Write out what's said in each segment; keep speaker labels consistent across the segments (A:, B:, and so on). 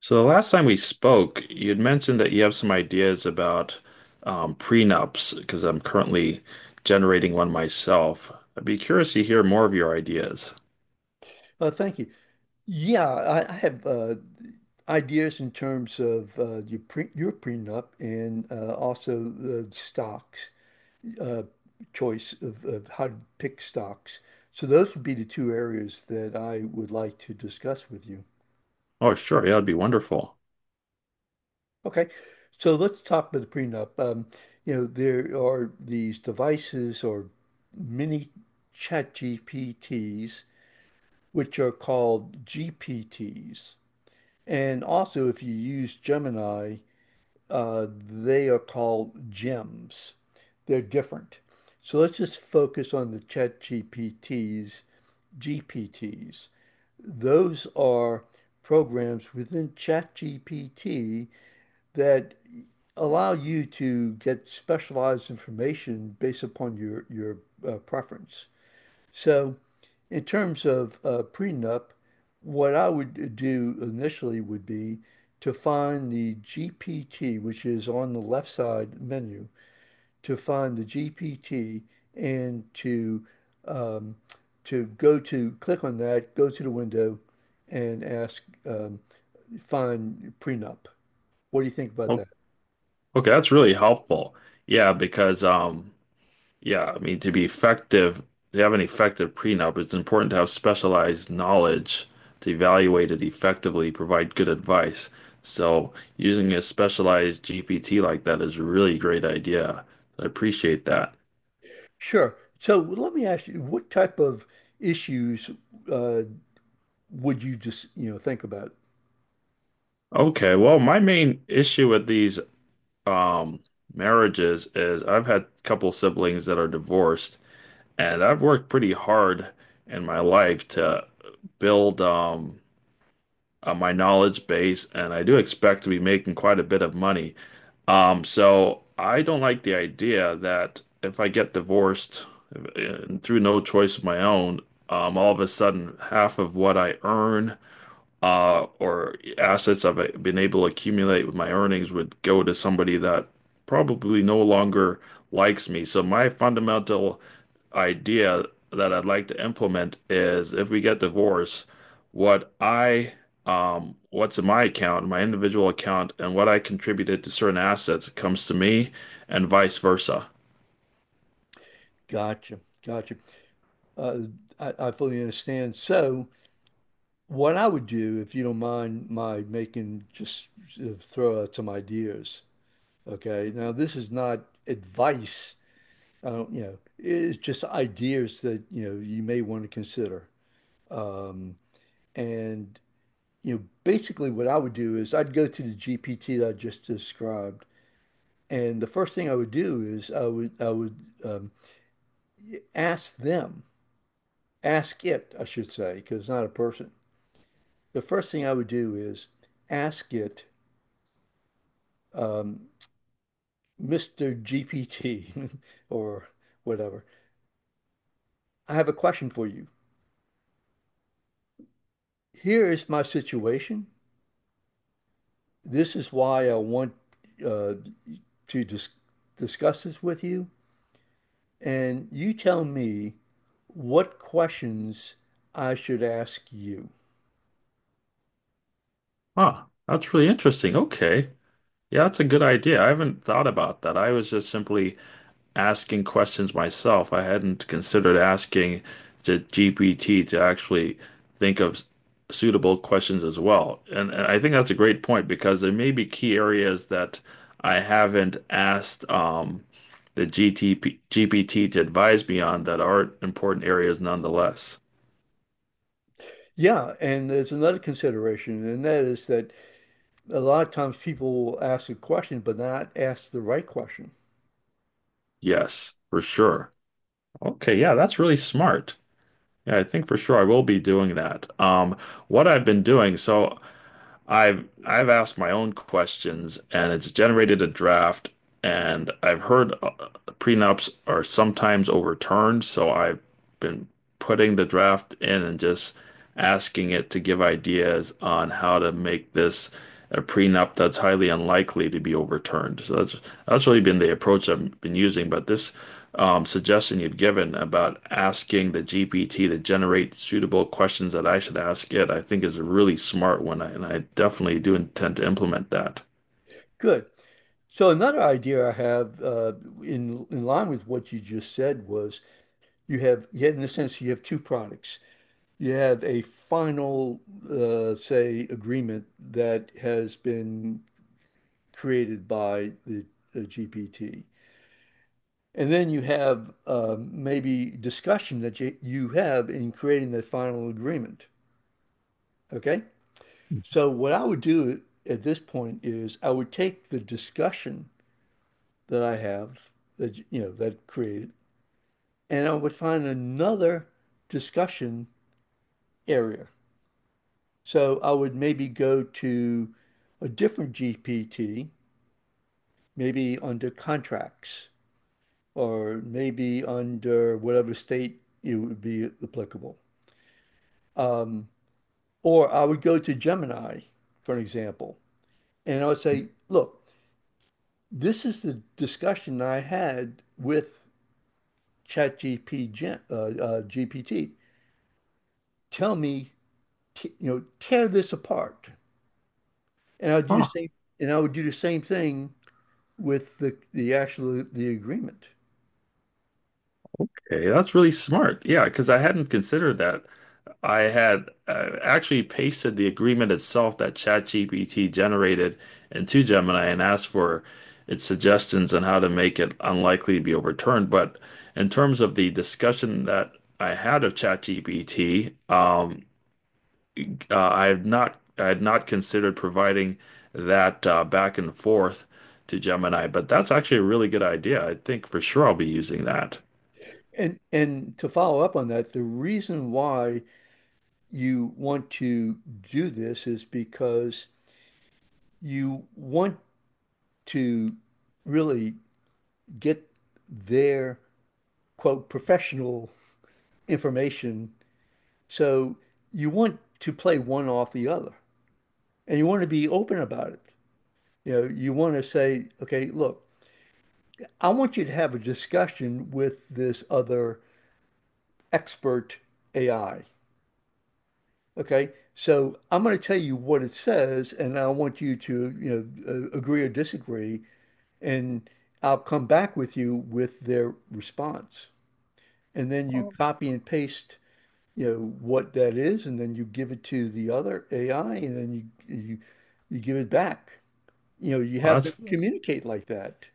A: So the last time we spoke, you would mentioned that you have some ideas about prenups because I'm currently generating one myself. I'd be curious to hear more of your ideas.
B: Thank you. Yeah, I have ideas in terms of your prenup and also the stocks uh, choice of how to pick stocks. So those would be the two areas that I would like to discuss with you.
A: Oh, sure, yeah, that'd be wonderful.
B: Okay, so let's talk about the prenup. You know, there are these devices or mini chat GPTs, which are called GPTs. And also, if you use Gemini, they are called gems. They're different. So let's just focus on the GPTs. Those are programs within ChatGPT that allow you to get specialized information based upon your preference. So, in terms of prenup, what I would do initially would be to find the GPT, which is on the left side menu, to find the GPT and um, to go to click on that, go to the window, and ask find prenup. What do you think about
A: Well,
B: that?
A: okay, that's really helpful. Yeah, because yeah, I mean, to be effective, to have an effective prenup, it's important to have specialized knowledge to evaluate it effectively, provide good advice. So, using a specialized GPT like that is a really great idea. I appreciate that.
B: Sure. So let me ask you, what type of issues uh, would you just, you know, think about?
A: Okay, well, my main issue with these um, marriages is I've had a couple siblings that are divorced, and I've worked pretty hard in my life to build my knowledge base, and I do expect to be making quite a bit of money. So I don't like the idea that if I get divorced through no choice of my own, all of a sudden half of what I earn or assets I've been able to accumulate with my earnings would go to somebody that probably no longer likes me. So my fundamental idea that I'd like to implement is if we get divorced, what I what's in my account, my individual account, and what I contributed to certain assets comes to me and vice versa.
B: Gotcha. Gotcha. Uh, I fully understand. So, what I would do, if you don't mind my making just throw out some ideas. Okay. Now, this is not advice. I don't, you know, it's just ideas that, you know, you may want to consider. Um, and, you know, basically what I would do is I'd go to the GPT that I just described. And the first thing I would do is I would um, ask them, ask it, I should say, because it's not a person. The first thing I would do is ask it, um, Mr. GPT or whatever. I have a question for you. Here is my situation. This is why I want uh, to dis discuss this with you. And you tell me what questions I should ask you.
A: Huh, that's really interesting. Okay. Yeah, that's a good idea. I haven't thought about that. I was just simply asking questions myself. I hadn't considered asking the GPT to actually think of suitable questions as well. And I think that's a great point because there may be key areas that I haven't asked the GPT to advise me on that are important areas nonetheless.
B: Yeah, and there's another consideration, and that is that a lot of times people will ask a question but not ask the right question.
A: Yes, for sure. Okay, yeah, that's really smart. Yeah, I think for sure I will be doing that. What I've been doing, so. I've asked my own questions and it's generated a draft, and I've heard prenups are sometimes overturned, so I've been putting the draft in and just asking it to give ideas on how to make this a prenup that's highly unlikely to be overturned. So that's really been the approach I've been using. But this suggestion you've given about asking the GPT to generate suitable questions that I should ask it, I think is a really smart one, and I definitely do intend to implement that.
B: Good. So another idea I have in line with what you just said was you have in a sense you have two products. You have a final say agreement that has been created by the GPT, and then you have maybe discussion that you have in creating the final agreement. Okay. So what I would do at this point is I would take the discussion that I have that you know that created, and I would find another discussion area. So I would maybe go to a different GPT, maybe under contracts or maybe under whatever state it would be applicable. Um, or I would go to Gemini, for an example, and I would say, look, this is the discussion I had with ChatGPT. GPT. Tell me, you know, tear this apart. And I would do the
A: Oh,
B: same, and I would do the same thing with the actual the agreement.
A: Okay, that's really smart. Yeah, because I hadn't considered that. I had actually pasted the agreement itself that ChatGPT generated into Gemini and asked for its suggestions on how to make it unlikely to be overturned. But in terms of the discussion that I had of ChatGPT, I have not, I had not considered providing that back and forth to Gemini. But that's actually a really good idea. I think for sure I'll be using that.
B: And to follow up on that, the reason why you want to do this is because you want to really get their quote professional information. So you want to play one off the other, and you want to be open about it. You know, you want to say, okay, look, I want you to have a discussion with this other expert AI. Okay. So I'm going to tell you what it says, and I want you to, you know, agree or disagree, and I'll come back with you with their response. And then you copy and paste, you know, what that is, and then you give it to the other AI, and then you give it back. You know, you
A: Well,
B: have them
A: that's
B: communicate like that.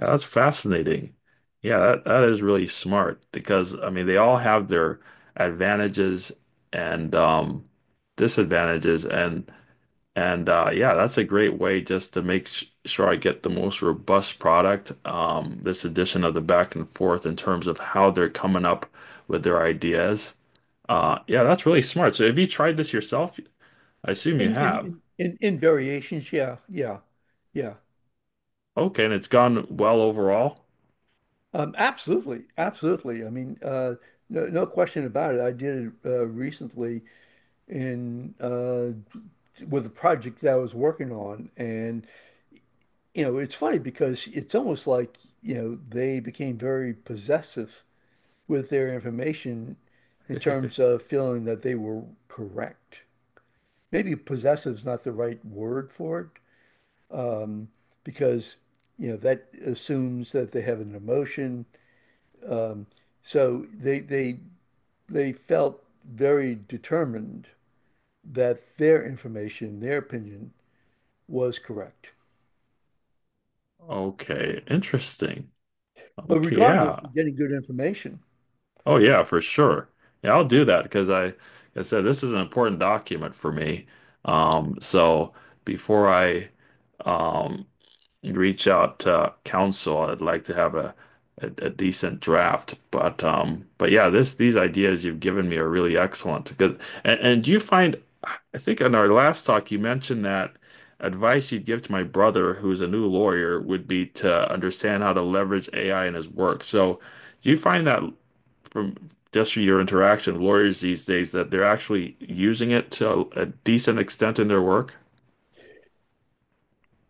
A: Yeah, that's fascinating. Yeah, that is really smart because I mean they all have their advantages and disadvantages and yeah, that's a great way just to make sh sure I get the most robust product. Um, this addition of the back and forth in terms of how they're coming up with their ideas. Yeah, that's really smart. So have you tried this yourself? I assume you
B: In in
A: have.
B: in in, in variations, yeah, yeah, yeah.
A: Okay, and it's gone well overall.
B: Absolutely, absolutely. I mean, no, no question about it. I did it recently in with a project that I was working on, and you know, it's funny because it's almost like, you know, they became very possessive with their information in terms of feeling that they were correct. Maybe possessive is not the right word for it, um, because you know that assumes that they have an emotion. Um, So they felt very determined that their information, their opinion was correct.
A: Okay, interesting.
B: But
A: Okay, yeah.
B: regardless, you're getting good information.
A: Oh yeah, for sure. Yeah, I'll do that because like I said, this is an important document for me. So before I um reach out to council, I'd like to have a decent draft. But yeah, this these ideas you've given me are really excellent. Because and do you find, I think in our last talk you mentioned that advice you'd give to my brother who's a new lawyer would be to understand how to leverage AI in his work. So. Do you find that from just your interaction with lawyers these days that they're actually using it to a decent extent in their work?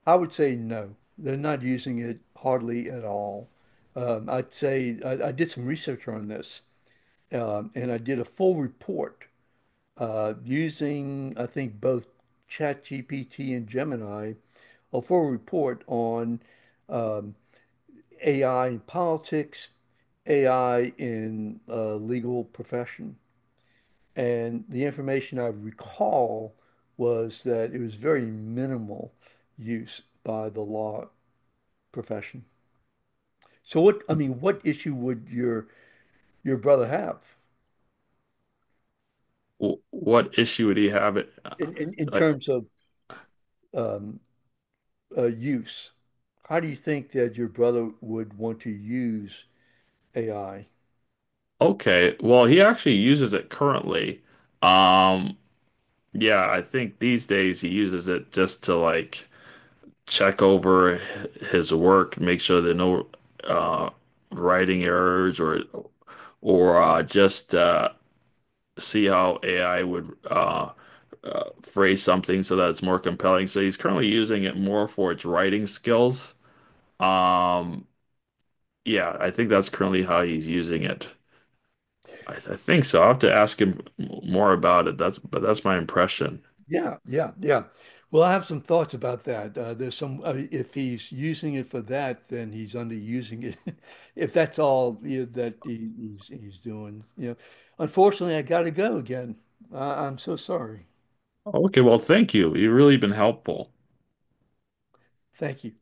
B: I would say no, they're not using it hardly at all. I'd say I did some research on this, and I did a full report using, I think, both ChatGPT and Gemini, a full report on um, AI in politics, AI in legal profession. And the information I recall was that it was very minimal use by the law profession. So what, I mean, what issue would your brother have
A: What issue would he have it?
B: in, in
A: Like,
B: terms of um, use? How do you think that your brother would want to use AI?
A: okay, well, he actually uses it currently. Um, yeah, I think these days he uses it just to like check over his work, make sure there are no uh, writing errors or just see how AI would phrase something so that it's more compelling. So he's currently using it more for its writing skills. Um, yeah, I think that's currently how he's using it. I think so. I'll have to ask him more about it. That's but that's my impression.
B: Yeah, yeah, yeah. Well, I have some thoughts about that. If he's using it for that, then he's underusing it. If that's all, you know, that he's doing, you know. Unfortunately, I got to go again. I'm so sorry.
A: Okay, well, thank you. You've really been helpful.
B: Thank you.